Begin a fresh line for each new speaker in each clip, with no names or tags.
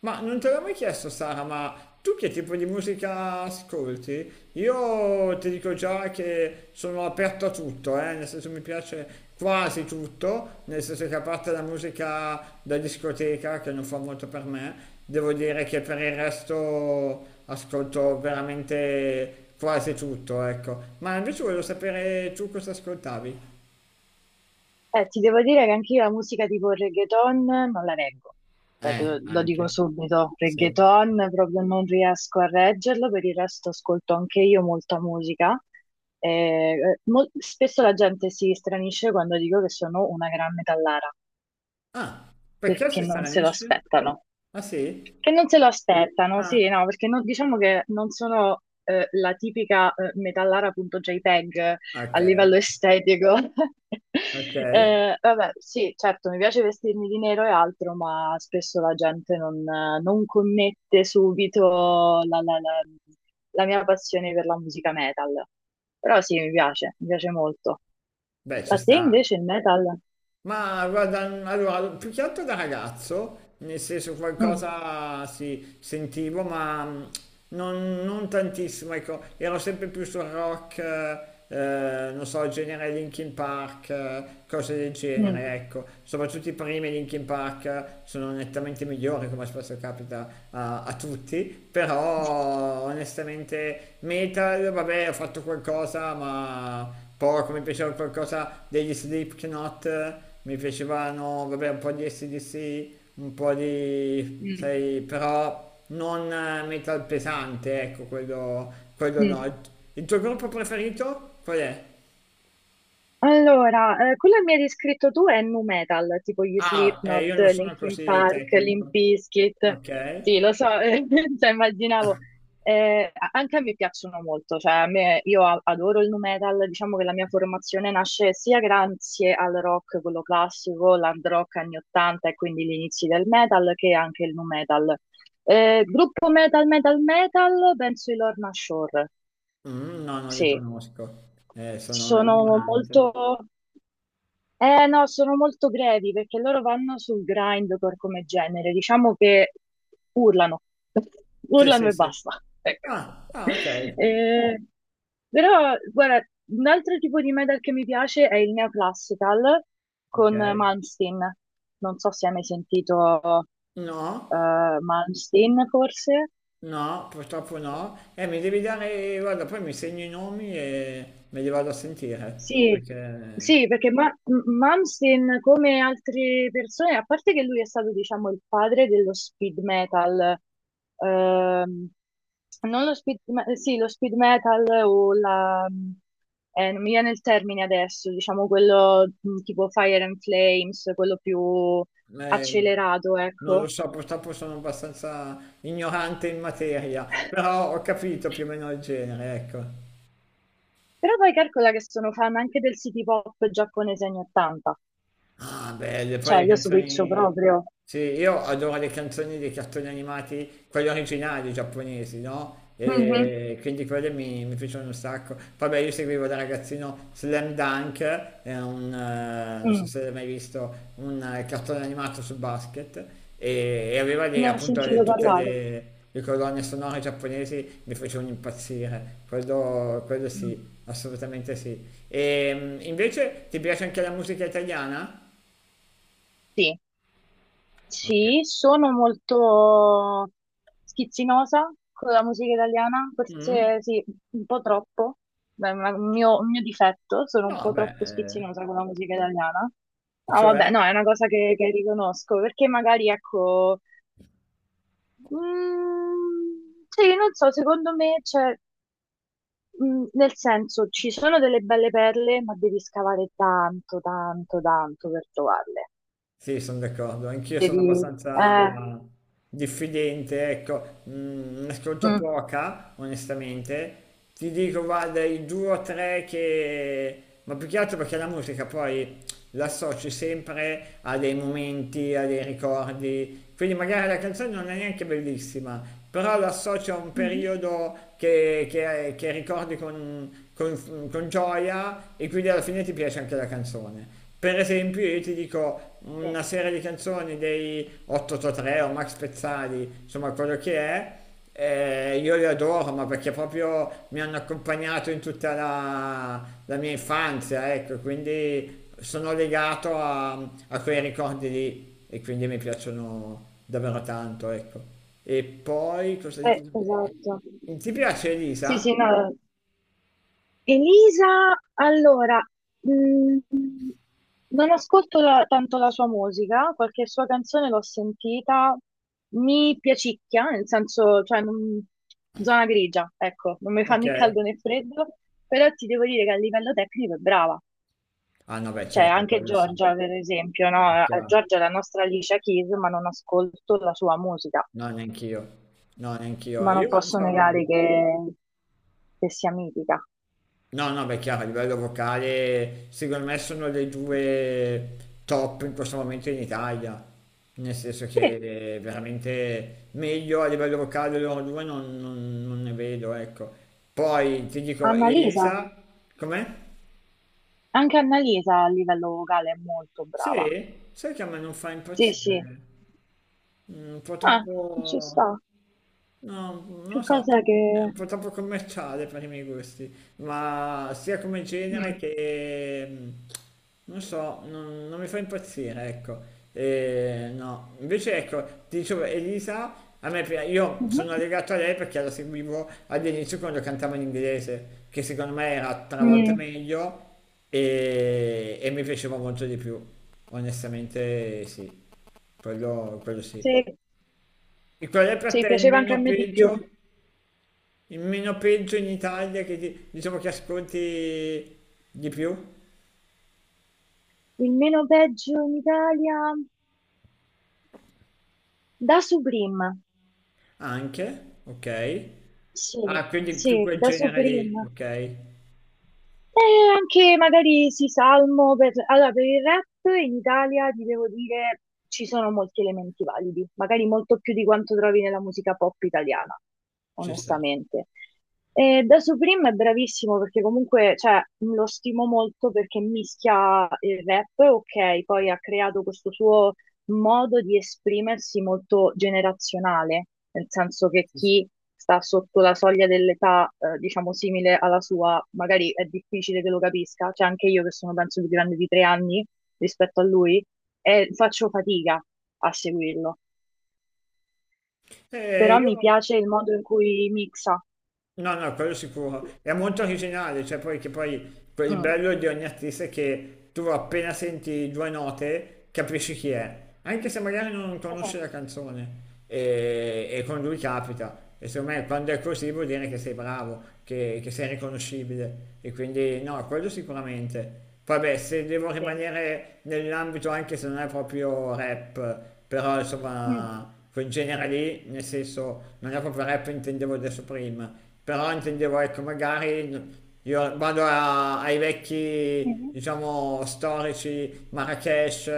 Ma non te l'ho mai chiesto, Sara, ma tu che tipo di musica ascolti? Io ti dico già che sono aperto a tutto, nel senso mi piace quasi tutto, nel senso che a parte la musica da discoteca, che non fa molto per me, devo dire che per il resto ascolto veramente quasi tutto, ecco. Ma invece voglio sapere tu cosa ascoltavi?
Ti devo dire che anche io la musica tipo reggaeton non la reggo. Lo dico
Anche.
subito,
Sì.
reggaeton proprio non riesco a reggerlo, per il resto ascolto anche io molta musica. Eh, spesso la gente si stranisce quando dico che sono una gran metallara,
Ah, perché
perché
si
non se lo
stranisce?
aspettano.
Ah sì?
Che non se lo aspettano,
Ah.
sì, no, perché diciamo che non sono la tipica metallara.jpg a
Ok,
livello estetico.
ok,
Vabbè, sì, certo, mi piace vestirmi di nero e altro, ma spesso la gente non connette subito la mia passione per la musica metal. Però sì, mi piace molto.
beh ci
A te
sta.
invece il metal?
Ma guarda, allora, più che altro da ragazzo, nel senso
Mm,
qualcosa sì, sentivo, ma non tantissimo, ecco, ero sempre più sul rock, non so, genere Linkin Park, cose del
mm,
genere, ecco. Soprattutto i primi Linkin Park sono nettamente migliori, come spesso capita a tutti tutti, però onestamente Metal, vabbè, ho fatto qualcosa, ma poco, mi piaceva qualcosa degli Slipknot, mi piacevano, vabbè, un po' di SDC, un po' di,
mm,
sai, però non metal pesante, ecco, quello
mm.
no. Il tuo gruppo preferito qual è?
Allora, quello che mi hai descritto tu è nu metal, tipo gli
Ah,
Slipknot,
io non sono
Linkin
così
Park, Limp
tecnico.
Bizkit.
Ok.
Sì, lo so, cioè, immaginavo. Anche a me piacciono molto, cioè a me, io adoro il nu metal, diciamo che la mia formazione nasce sia grazie al rock, quello classico, l'hard rock anni 80 e quindi gli inizi del metal, che anche il nu metal. Gruppo metal, penso i Lorna Shore,
Mm, no, non li
sì.
conosco. Sono
Sono
ignorante.
molto... no, sono molto brevi perché loro vanno sul grindcore come genere, diciamo che urlano,
Sì,
urlano
sì,
e
sì.
basta. Ecco.
Ah, ah, ok,
Eh, però, guarda, un altro tipo di metal che mi piace è il neoclassical con
ok.
Malmsteen. Non so se hai mai sentito
No,
Malmsteen, forse.
no, purtroppo no. Mi devi dare, guarda, poi mi segno i nomi e me li vado a sentire,
Sì,
perché
sì, perché Malmsteen, come altre persone, a parte che lui è stato, diciamo, il padre dello speed metal, ehm, non lo speed, sì, lo speed metal o la, non mi viene il termine adesso, diciamo quello tipo Fire and Flames, quello più
eh,
accelerato,
non lo
ecco.
so, purtroppo sono abbastanza ignorante in materia, però ho capito più o meno il genere, ecco.
Però poi calcola che sono fan anche del city pop giapponese anni 80,
Ah, belle, poi
cioè
le
io switcho
canzoni.
proprio.
Sì, io adoro le canzoni dei cartoni animati, quelli originali giapponesi, no?
Mhm.
E quindi quelle mi piacciono un sacco. Poi beh, io seguivo da ragazzino Slam Dunk, è un, non so
Mm.
se l'hai mai visto, un cartone animato sul basket, e aveva
Ne ho
appunto
sentito
tutte
parlare.
le colonne sonore giapponesi, mi facevano impazzire, quello sì,
Mm.
assolutamente sì. E invece ti piace anche la musica italiana?
Sì,
Ok.
sì, sono molto schizzinosa con la musica italiana,
Mm.
forse sì, un po' troppo. Beh, ma un mio difetto, sono un
No,
po' troppo
beh,
schizzinosa con la musica italiana. Ah, vabbè,
cioè,
no, è una cosa che riconosco, perché magari, ecco, mm, sì, non so, secondo me, c'è mm, nel senso, ci sono delle belle perle, ma devi scavare tanto, tanto, tanto per trovarle.
sì, sono d'accordo, anch'io sono
Devi...
abbastanza
Eh,
diffidente, ecco, ne ascolto
Mm.
poca, onestamente. Ti dico, guarda, i due o tre che... Ma più che altro perché la musica poi l'associ sempre a dei momenti, a dei ricordi. Quindi magari la canzone non è neanche bellissima, però l'associo a un
Mhm.
periodo che ricordi con gioia e quindi alla fine ti piace anche la canzone. Per esempio, io ti dico
Sì,
una serie di canzoni dei 883 o Max Pezzali, insomma quello che è, io li adoro, ma perché proprio mi hanno accompagnato in tutta la mia infanzia, ecco, quindi sono legato a, a quei ricordi lì e quindi mi piacciono davvero tanto, ecco. E poi cosa ti posso
esatto.
dire? Ti piace
Sì,
Elisa?
sì, no. Elisa, allora, mm, non ascolto tanto la sua musica, qualche sua canzone l'ho sentita, mi piacicchia, nel senso, zona grigia, ecco, non mi fa
Ok.
né caldo né freddo, però ti devo dire che a livello tecnico è brava.
Ah no, beh,
Cioè,
certo,
anche
quello sì,
Giorgia, per esempio,
è
no?
chiaro.
Giorgia è la nostra Alicia Keys, ma non ascolto la sua musica.
No, neanch'io. No, neanch'io.
Ma non
Io non
posso
so.
negare che sia mitica.
No, no, beh, chiaro, a livello vocale, secondo me sono le due top in questo momento in Italia, nel senso
Sì,
che veramente meglio a livello vocale loro due non ne vedo, ecco. Poi ti dico,
Annalisa,
Elisa, com'è?
anche Annalisa a livello vocale è molto brava.
Sì? Sai che a me non fa
Sì, sì,
impazzire? Mm, un po'
ah, ci sta.
troppo... No, non lo
Che
so,
cos'è che...
è un po' troppo commerciale per i miei gusti, ma sia come genere
Mm.
che, non so, non mi fa impazzire, ecco. E, no, invece ecco, ti dicevo, Elisa, a me, io
Mhm.
sono legato a lei perché la seguivo all'inizio quando cantava in inglese, che secondo me era tre volte
Mm,
meglio e mi piaceva molto di più. Onestamente sì, quello sì.
sì,
E qual è per
sì,
te il
piaceva anche a
meno
me di più.
peggio? Il meno peggio in Italia che diciamo che ascolti di più?
Il meno peggio in Italia da Supreme.
Anche, ok.
Sì,
Ah, quindi più
sì,
quel
da
genere lì,
Supreme.
ok.
E anche magari sì, salmo per... Allora, per il rap in Italia ti devo dire ci sono molti elementi validi, magari molto più di quanto trovi nella musica pop italiana,
Ci sta.
onestamente. E da Supreme è bravissimo perché comunque cioè, lo stimo molto perché mischia il rap, ok, poi ha creato questo suo modo di esprimersi molto generazionale, nel senso che
Ci sta.
chi sta sotto la soglia dell'età, diciamo simile alla sua, magari è difficile che lo capisca, cioè anche io che sono penso più grande di 3 anni rispetto a lui, e faccio fatica a seguirlo, però mi
Io
piace il modo in cui mixa.
no, no, quello sicuro. È molto originale, cioè poi che poi il
Mm,
bello di ogni artista è che tu appena senti due note capisci chi è, anche se magari non conosci la
esatto.
canzone e con lui capita. E secondo me quando è così vuol dire che sei bravo, che sei riconoscibile. E quindi no, quello sicuramente. Vabbè, se devo
Sì.
rimanere nell'ambito anche se non è proprio rap, però
Mm,
insomma, quel genere lì, nel senso, non è proprio rap, intendevo adesso prima, però intendevo, ecco, magari io ai vecchi,
mhm,
diciamo, storici, Marrakesh,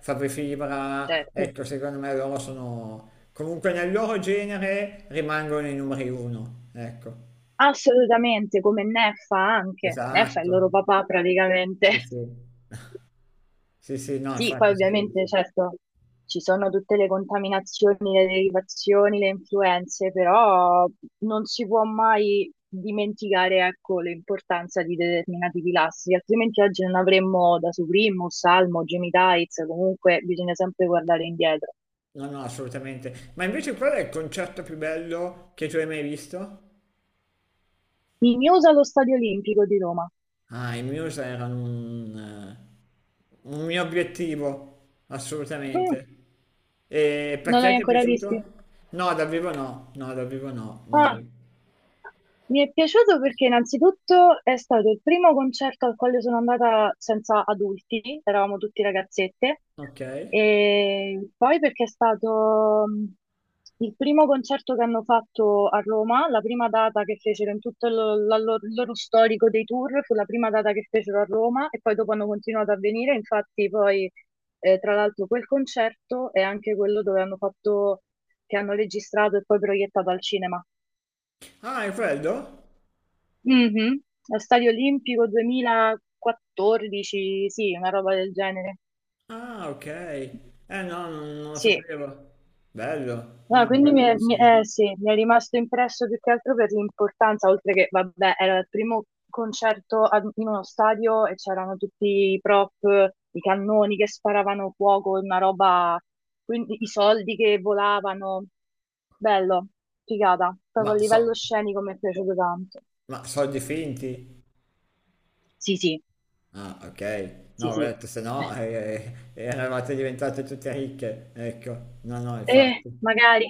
Fabri Fibra,
certo.
ecco, secondo me loro sono, comunque nel loro genere rimangono i numeri uno, ecco,
Assolutamente, come Neffa anche. Neffa è il
esatto,
loro papà praticamente.
sì, sì, sì, sì, no,
Sì, poi
infatti sì, sì.
ovviamente,
Sì.
certo, ci sono tutte le contaminazioni, le derivazioni, le influenze, però non si può mai dimenticare, ecco, l'importanza di determinati pilastri, altrimenti oggi non avremmo da Suprimus, Salmo, Jimmy Tights, comunque bisogna sempre guardare indietro.
No, no, assolutamente. Ma invece qual è il concerto più bello che tu hai mai visto?
Mignosa allo Stadio Olimpico di Roma.
Ah, i Muse erano un mio obiettivo,
Mm,
assolutamente. E
non
perché
l'hai
ti è
ancora visti?
piaciuto? No, dal vivo no, no, dal vivo no,
Ah.
mai.
Mi è piaciuto perché innanzitutto è stato il primo concerto al quale sono andata senza adulti, eravamo tutti ragazzette,
Ok.
e poi perché è stato mm, il primo concerto che hanno fatto a Roma, la prima data che fecero la il loro storico dei tour, fu la prima data che fecero a Roma e poi dopo hanno continuato a venire, infatti poi tra l'altro quel concerto è anche quello dove hanno fatto, che hanno registrato e poi proiettato al cinema.
Ah, è quello?
Mhm. Allo Stadio Olimpico 2014, sì, una roba del genere.
Ah, ok. Eh no, non lo
Sì,
sapevo. Bello. No,
no,
no,
quindi
quello sì.
sì, mi è rimasto impresso più che altro per l'importanza, oltre che, vabbè, era il primo concerto in uno stadio e c'erano tutti i prop, i cannoni che sparavano fuoco, una roba, quindi i soldi che volavano. Bello, figata, proprio a
Ma
livello
so,
scenico mi è piaciuto tanto.
ma so di finti.
Sì, sì,
Ah, ok.
sì,
No, ho
sì.
detto, se no eravate diventate tutte ricche. Ecco, no, no, infatti.
Magari.